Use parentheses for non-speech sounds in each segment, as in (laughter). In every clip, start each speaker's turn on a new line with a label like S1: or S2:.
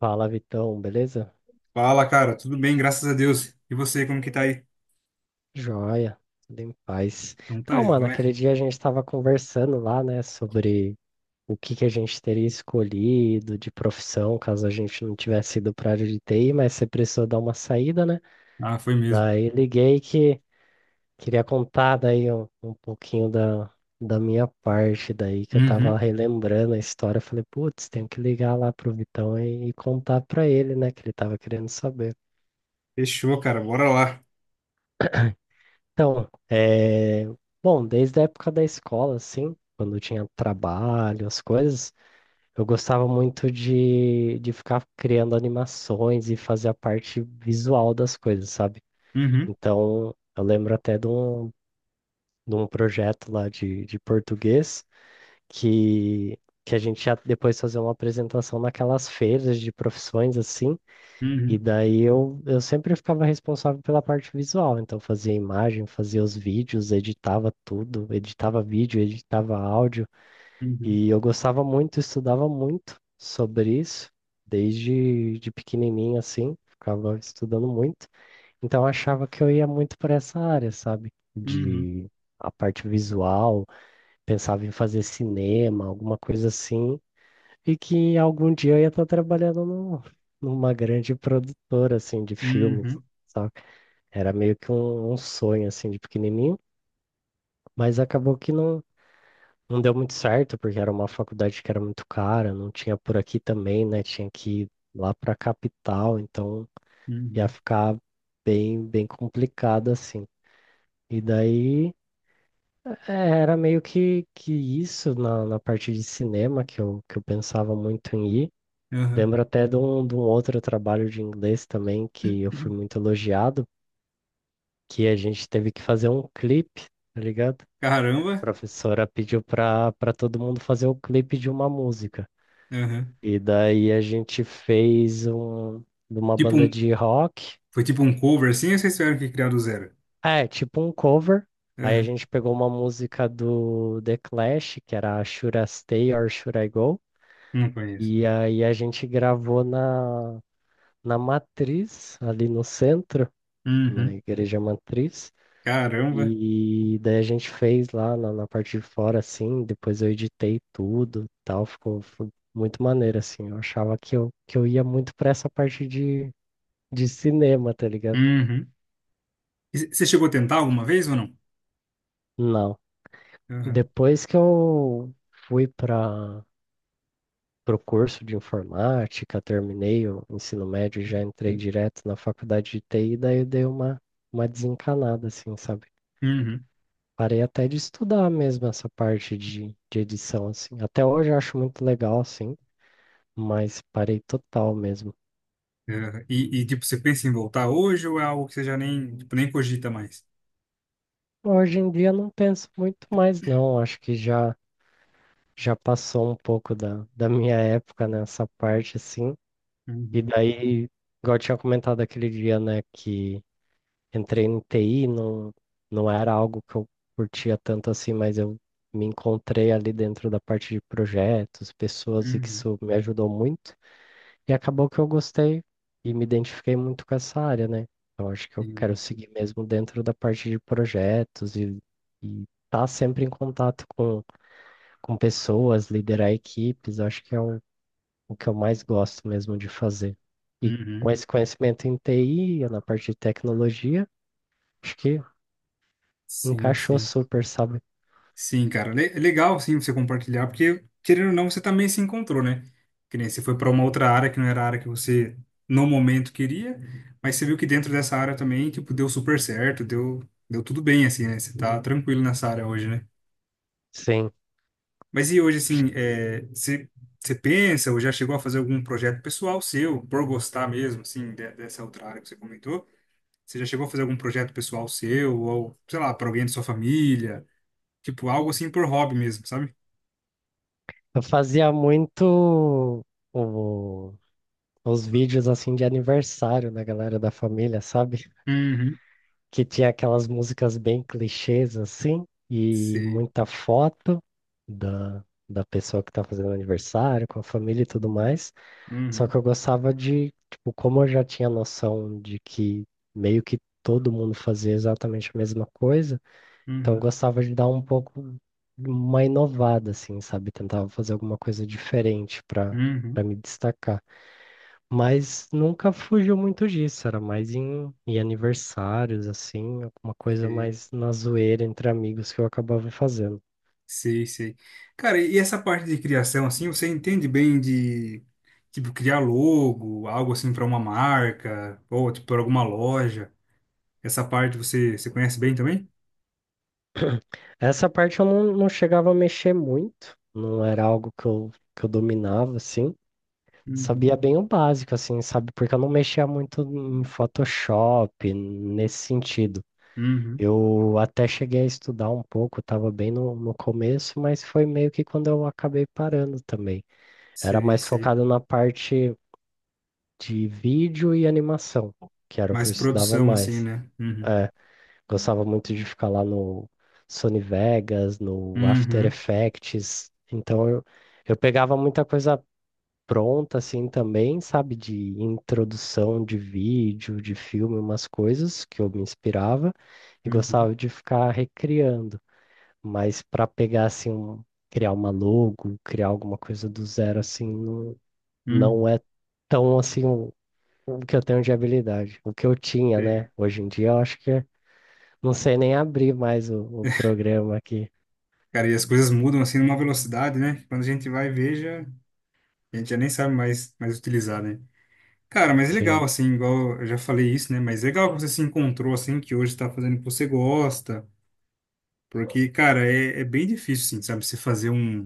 S1: Fala, Vitão, beleza?
S2: Fala, cara, tudo bem, graças a Deus. E você, como que tá aí?
S1: Joia, tudo em paz.
S2: Não tá
S1: Então, mano,
S2: joia.
S1: aquele dia a gente estava conversando lá, né, sobre o que que a gente teria escolhido de profissão caso a gente não tivesse ido para a área de TI, mas você precisou dar uma saída, né?
S2: Ah, foi mesmo.
S1: Daí liguei que queria contar daí um pouquinho da minha parte, daí que eu tava
S2: Uhum.
S1: relembrando a história. Eu falei, putz, tenho que ligar lá pro Vitão e contar pra ele, né, que ele tava querendo saber.
S2: Fechou, cara, bora lá.
S1: Então, bom, desde a época da escola, assim, quando tinha trabalho, as coisas, eu gostava muito de ficar criando animações e fazer a parte visual das coisas, sabe?
S2: Uhum,
S1: Então, eu lembro até de um projeto lá de português que, que a gente ia depois fazer uma apresentação naquelas feiras de profissões, assim, e
S2: uhum,
S1: daí eu sempre ficava responsável pela parte visual, então fazia imagem, fazia os vídeos, editava tudo, editava vídeo, editava áudio,
S2: uhum,
S1: e eu gostava muito, estudava muito sobre isso, desde de pequenininho assim, ficava estudando muito, então eu achava que eu ia muito para essa área, sabe?
S2: uhum,
S1: De a parte visual, pensava em fazer cinema, alguma coisa assim, e que algum dia eu ia estar trabalhando numa grande produtora, assim, de filmes,
S2: uhum,
S1: sabe? Era meio que um sonho, assim, de pequenininho, mas acabou que não deu muito certo, porque era uma faculdade que era muito cara, não tinha por aqui também, né? Tinha que ir lá pra capital, então ia
S2: uhum,
S1: ficar bem complicado, assim. E daí é, era meio que isso na parte de cinema que que eu pensava muito em ir.
S2: aham.
S1: Lembro até de um outro trabalho de inglês também que eu fui muito
S2: (clears throat)
S1: elogiado, que a gente teve que fazer um clipe, tá ligado? A
S2: Caramba.
S1: professora pediu para todo mundo fazer o clipe de uma música.
S2: Aham.
S1: E daí a gente fez um de uma
S2: Tipo
S1: banda
S2: um,
S1: de rock,
S2: Foi tipo um cover assim, ou vocês tiveram que criar do zero?
S1: é, tipo um cover. Aí a
S2: Aham.
S1: gente pegou uma música do The Clash, que era Should I Stay or Should I Go?
S2: Não conheço.
S1: E aí a gente gravou na Matriz, ali no centro. Na
S2: Uhum.
S1: igreja matriz.
S2: Caramba.
S1: E daí a gente fez lá na parte de fora, assim, depois eu editei tudo, e tal, ficou, foi muito maneiro, assim. Eu achava que que eu ia muito pra essa parte de cinema, tá ligado?
S2: Uhum. E você chegou a tentar alguma vez ou não?
S1: Não.
S2: Aham.
S1: Depois que eu fui para o curso de informática, terminei o ensino médio, e já entrei direto na faculdade de TI, daí eu dei uma desencanada, assim, sabe?
S2: Uhum.
S1: Parei até de estudar mesmo essa parte de edição, assim. Até hoje eu acho muito legal, assim, mas parei total mesmo.
S2: Aham. E, tipo, você pensa em voltar hoje ou é algo que você já nem, tipo, nem cogita mais?
S1: Hoje em dia não penso muito mais, não. Acho que já passou um pouco da minha época nessa parte, assim. E daí, igual eu tinha comentado aquele dia, né, que entrei no TI, não era algo que eu curtia tanto assim, mas eu me encontrei ali dentro da parte de projetos, pessoas, e que
S2: Uhum,
S1: isso me ajudou muito. E acabou que eu gostei e me identifiquei muito com essa área, né? Então acho que eu
S2: sim,
S1: quero seguir mesmo dentro da parte de projetos e estar sempre em contato com pessoas, liderar equipes, acho que é o que eu mais gosto mesmo de fazer. E com
S2: uhum,
S1: esse conhecimento em TI, na parte de tecnologia, acho que
S2: sim,
S1: encaixou
S2: sim,
S1: super, sabe?
S2: sim, cara, le é legal, sim, você compartilhar, porque, querendo ou não, você também se encontrou, né, que nem você foi para uma outra área que não era a área que você, no momento, queria, mas você viu que dentro dessa área também, tipo, deu super certo, deu tudo bem, assim, né, você tá tranquilo nessa área hoje, né.
S1: Sim.
S2: Mas e hoje, assim, é, você pensa, ou já chegou a fazer algum projeto pessoal seu, por gostar mesmo, assim, dessa outra área que você comentou. Você já chegou a fazer algum projeto pessoal seu, ou, sei lá, para alguém da sua família? Tipo, algo assim por hobby mesmo, sabe?
S1: Eu fazia muito o- os vídeos assim de aniversário da galera da família, sabe?
S2: Uhum.
S1: Que tinha aquelas músicas bem clichês assim, e
S2: Sei.
S1: muita foto da pessoa que tá fazendo aniversário, com a família e tudo mais. Só que
S2: Uhum.
S1: eu gostava de, tipo, como eu já tinha noção de que meio que todo mundo fazia exatamente a mesma coisa, então eu
S2: Uhum.
S1: gostava de dar um pouco uma inovada, assim, sabe? Tentava fazer alguma coisa diferente
S2: Uhum.
S1: para me destacar. Mas nunca fugiu muito disso, era mais em aniversários, assim, alguma coisa
S2: Sei.
S1: mais na zoeira entre amigos que eu acabava fazendo.
S2: Sei, sei. Cara, e essa parte de criação, assim, você entende bem de, tipo, criar logo, algo assim para uma marca, ou, tipo, para alguma loja? Essa parte você conhece bem também?
S1: Essa parte eu não chegava a mexer muito, não era algo que que eu dominava, assim.
S2: Uhum.
S1: Sabia bem o básico, assim, sabe? Porque eu não mexia muito em Photoshop, nesse sentido.
S2: Uhum.
S1: Eu até cheguei a estudar um pouco, estava bem no começo, mas foi meio que quando eu acabei parando também. Era
S2: Sei,
S1: mais
S2: sei.
S1: focado na parte de vídeo e animação, que era o que
S2: Mais
S1: eu estudava
S2: produção, assim,
S1: mais.
S2: né? Uhum.
S1: É, gostava muito de ficar lá no Sony Vegas, no After
S2: Uhum.
S1: Effects. Então eu pegava muita coisa pronta assim também, sabe, de introdução de vídeo, de filme, umas coisas que eu me inspirava e
S2: Uhum.
S1: gostava de ficar recriando, mas para pegar assim um- criar uma logo, criar alguma coisa do zero assim, não
S2: Uhum.
S1: é tão assim um o que eu tenho de habilidade, o que eu tinha,
S2: Sei.
S1: né? Hoje em dia eu acho que é- não sei nem abrir mais o programa aqui.
S2: Cara, e as coisas mudam assim numa velocidade, né? que Quando a gente vai ver, já, a gente já nem sabe mais utilizar, né? Cara, mas é legal,
S1: Sim,
S2: assim, igual eu já falei isso, né? Mas é legal que você se encontrou, assim, que hoje está fazendo o que você gosta. Porque, cara, é bem difícil, assim, sabe? Você fazer um.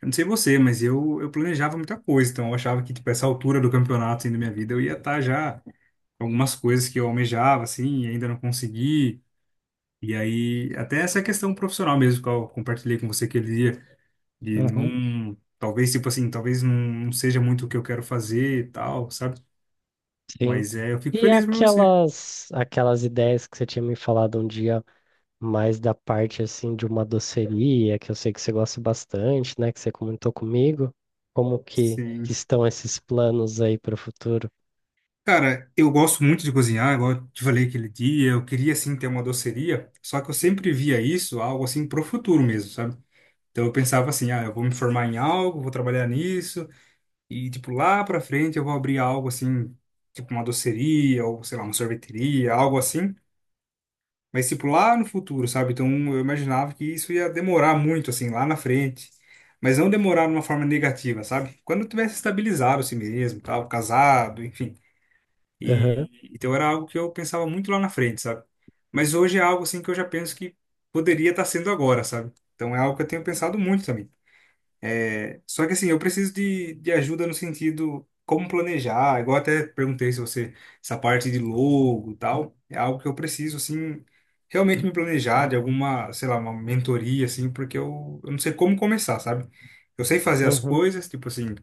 S2: Eu não sei você, mas eu planejava muita coisa. Então, eu achava que, tipo, essa altura do campeonato, assim, da minha vida, eu ia estar já com algumas coisas que eu almejava, assim, e ainda não consegui. E aí, até essa questão profissional mesmo, que eu compartilhei com você aquele dia. E
S1: uhum,
S2: não, talvez, tipo assim, talvez não seja muito o que eu quero fazer e tal, sabe?
S1: sim.
S2: Mas é, eu fico
S1: E
S2: feliz por você.
S1: aquelas ideias que você tinha me falado um dia mais da parte assim de uma doceria, que eu sei que você gosta bastante, né? Que você comentou comigo. Como que
S2: Sim.
S1: estão esses planos aí para o futuro?
S2: Cara, eu gosto muito de cozinhar, igual eu te falei aquele dia, eu queria assim ter uma doceria, só que eu sempre via isso algo assim pro futuro mesmo, sabe? Então eu pensava assim, ah, eu vou me formar em algo, vou trabalhar nisso e tipo lá pra frente eu vou abrir algo assim, tipo uma doceria ou sei lá, uma sorveteria, algo assim. Mas, tipo, lá no futuro, sabe? Então, eu imaginava que isso ia demorar muito, assim, lá na frente. Mas não demorar de uma forma negativa, sabe? Quando eu tivesse estabilizado assim mesmo, tal, casado, enfim.
S1: Aham.
S2: E, então, era algo que eu pensava muito lá na frente, sabe? Mas hoje é algo, assim, que eu já penso que poderia estar sendo agora, sabe? Então, é algo que eu tenho pensado muito também. É, só que assim, eu preciso de ajuda no sentido como planejar. Igual até perguntei se você, essa parte de logo e tal, é algo que eu preciso, assim, realmente me planejar de alguma, sei lá, uma mentoria, assim, porque eu não sei como começar, sabe? Eu sei fazer as
S1: Uhum.
S2: coisas, tipo assim,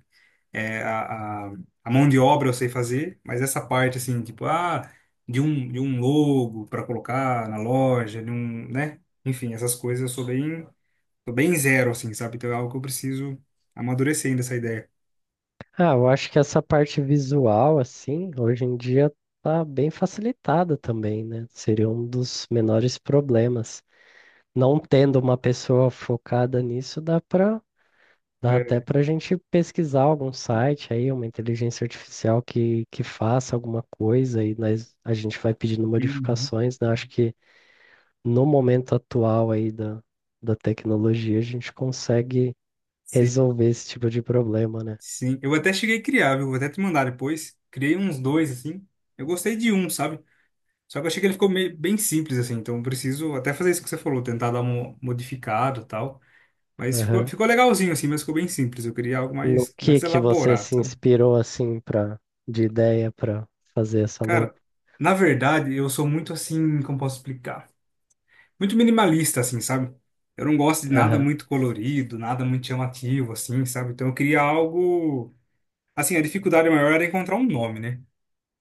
S2: é, a, a mão de obra eu sei fazer, mas essa parte, assim, tipo, ah, de um, logo para colocar na loja, de um, né? Enfim, essas coisas eu sou bem. Tô bem zero, assim, sabe? Então é algo que eu preciso amadurecer ainda essa ideia.
S1: Ah, eu acho que essa parte visual, assim, hoje em dia tá bem facilitada também, né? Seria um dos menores problemas. Não tendo uma pessoa focada nisso, dá dá até
S2: É.
S1: pra gente pesquisar algum site aí, uma inteligência artificial que faça alguma coisa e nós, a gente vai pedindo
S2: Uhum.
S1: modificações, né? Acho que no momento atual aí da tecnologia, a gente consegue
S2: Sim,
S1: resolver esse tipo de problema,
S2: sim. Eu até cheguei a criar, viu? Vou até te mandar depois. Criei uns dois, assim. Eu gostei de um, sabe? Só que eu achei que ele ficou meio, bem simples, assim. Então eu preciso até fazer isso que você falou, tentar dar um modificado e tal. Mas ficou,
S1: né?
S2: ficou legalzinho, assim, mas ficou bem simples. Eu queria algo
S1: No
S2: mais, mais
S1: que você se
S2: elaborado, sabe?
S1: inspirou assim para de ideia para fazer essa logo?
S2: Cara, na verdade, eu sou muito assim, como posso explicar? Muito minimalista, assim, sabe? Eu não gosto de nada
S1: Aham,
S2: muito colorido, nada muito chamativo, assim, sabe? Então eu queria algo. Assim, a dificuldade maior era encontrar um nome, né?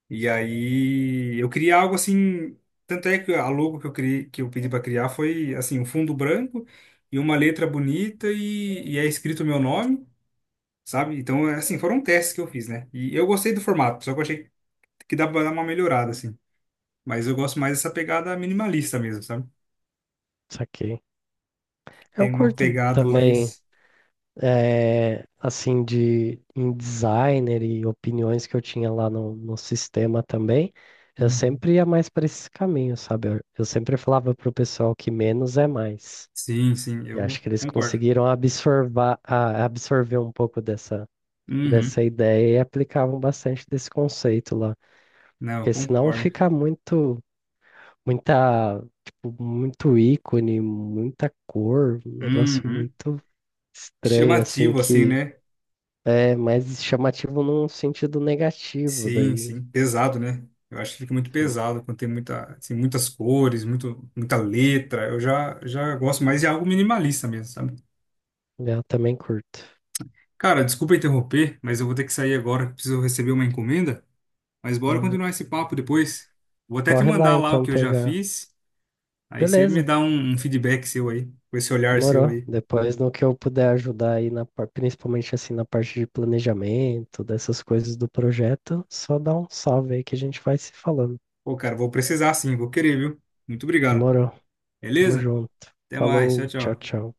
S2: E aí eu queria algo assim. Tanto é que a logo que eu criei, que eu pedi para criar foi assim, um fundo branco e uma letra bonita e é escrito o meu nome, sabe? Então, é, assim, foram testes que eu fiz, né? E eu gostei do formato, só que eu achei que dá pra dar uma melhorada, assim. Mas eu gosto mais dessa pegada minimalista mesmo, sabe?
S1: saquei. Eu
S2: Tem uma
S1: curto
S2: pegada
S1: também
S2: mais.
S1: assim de em designer e opiniões que eu tinha lá no sistema também. Eu sempre ia mais para esse caminho, sabe? Eu sempre falava pro pessoal que menos é mais.
S2: Sim, sim,
S1: E acho
S2: eu
S1: que eles
S2: concordo.
S1: conseguiram absorver um pouco dessa
S2: Uhum.
S1: dessa ideia e aplicavam bastante desse conceito lá.
S2: Não, eu
S1: Porque senão
S2: concordo.
S1: fica muito muita, tipo, muito ícone, muita cor, um negócio
S2: Uhum.
S1: muito estranho, assim,
S2: Chamativo, assim,
S1: que
S2: né?
S1: é mais chamativo num sentido negativo
S2: Sim,
S1: daí, né?
S2: sim. Pesado, né? Eu acho que fica muito
S1: Enfim,
S2: pesado quando tem muita, assim, muitas cores, muito, muita letra. Eu já gosto mais de algo minimalista mesmo, sabe?
S1: eu também curto.
S2: Cara, desculpa interromper, mas eu vou ter que sair agora, que preciso receber uma encomenda. Mas bora
S1: Hum,
S2: continuar esse papo depois. Vou até te
S1: Corre lá
S2: mandar lá o
S1: então
S2: que eu já
S1: pegar.
S2: fiz. Aí você me
S1: Beleza,
S2: dá um feedback seu aí, com esse olhar seu
S1: demorou.
S2: aí.
S1: Depois no que eu puder ajudar aí, na, par- principalmente assim na parte de planejamento, dessas coisas do projeto, só dá um salve aí que a gente vai se falando.
S2: Pô, cara, vou precisar sim, vou querer, viu? Muito obrigado.
S1: Demorou, tamo
S2: Beleza?
S1: junto.
S2: Até mais. Tchau,
S1: Falou, tchau,
S2: tchau.
S1: tchau.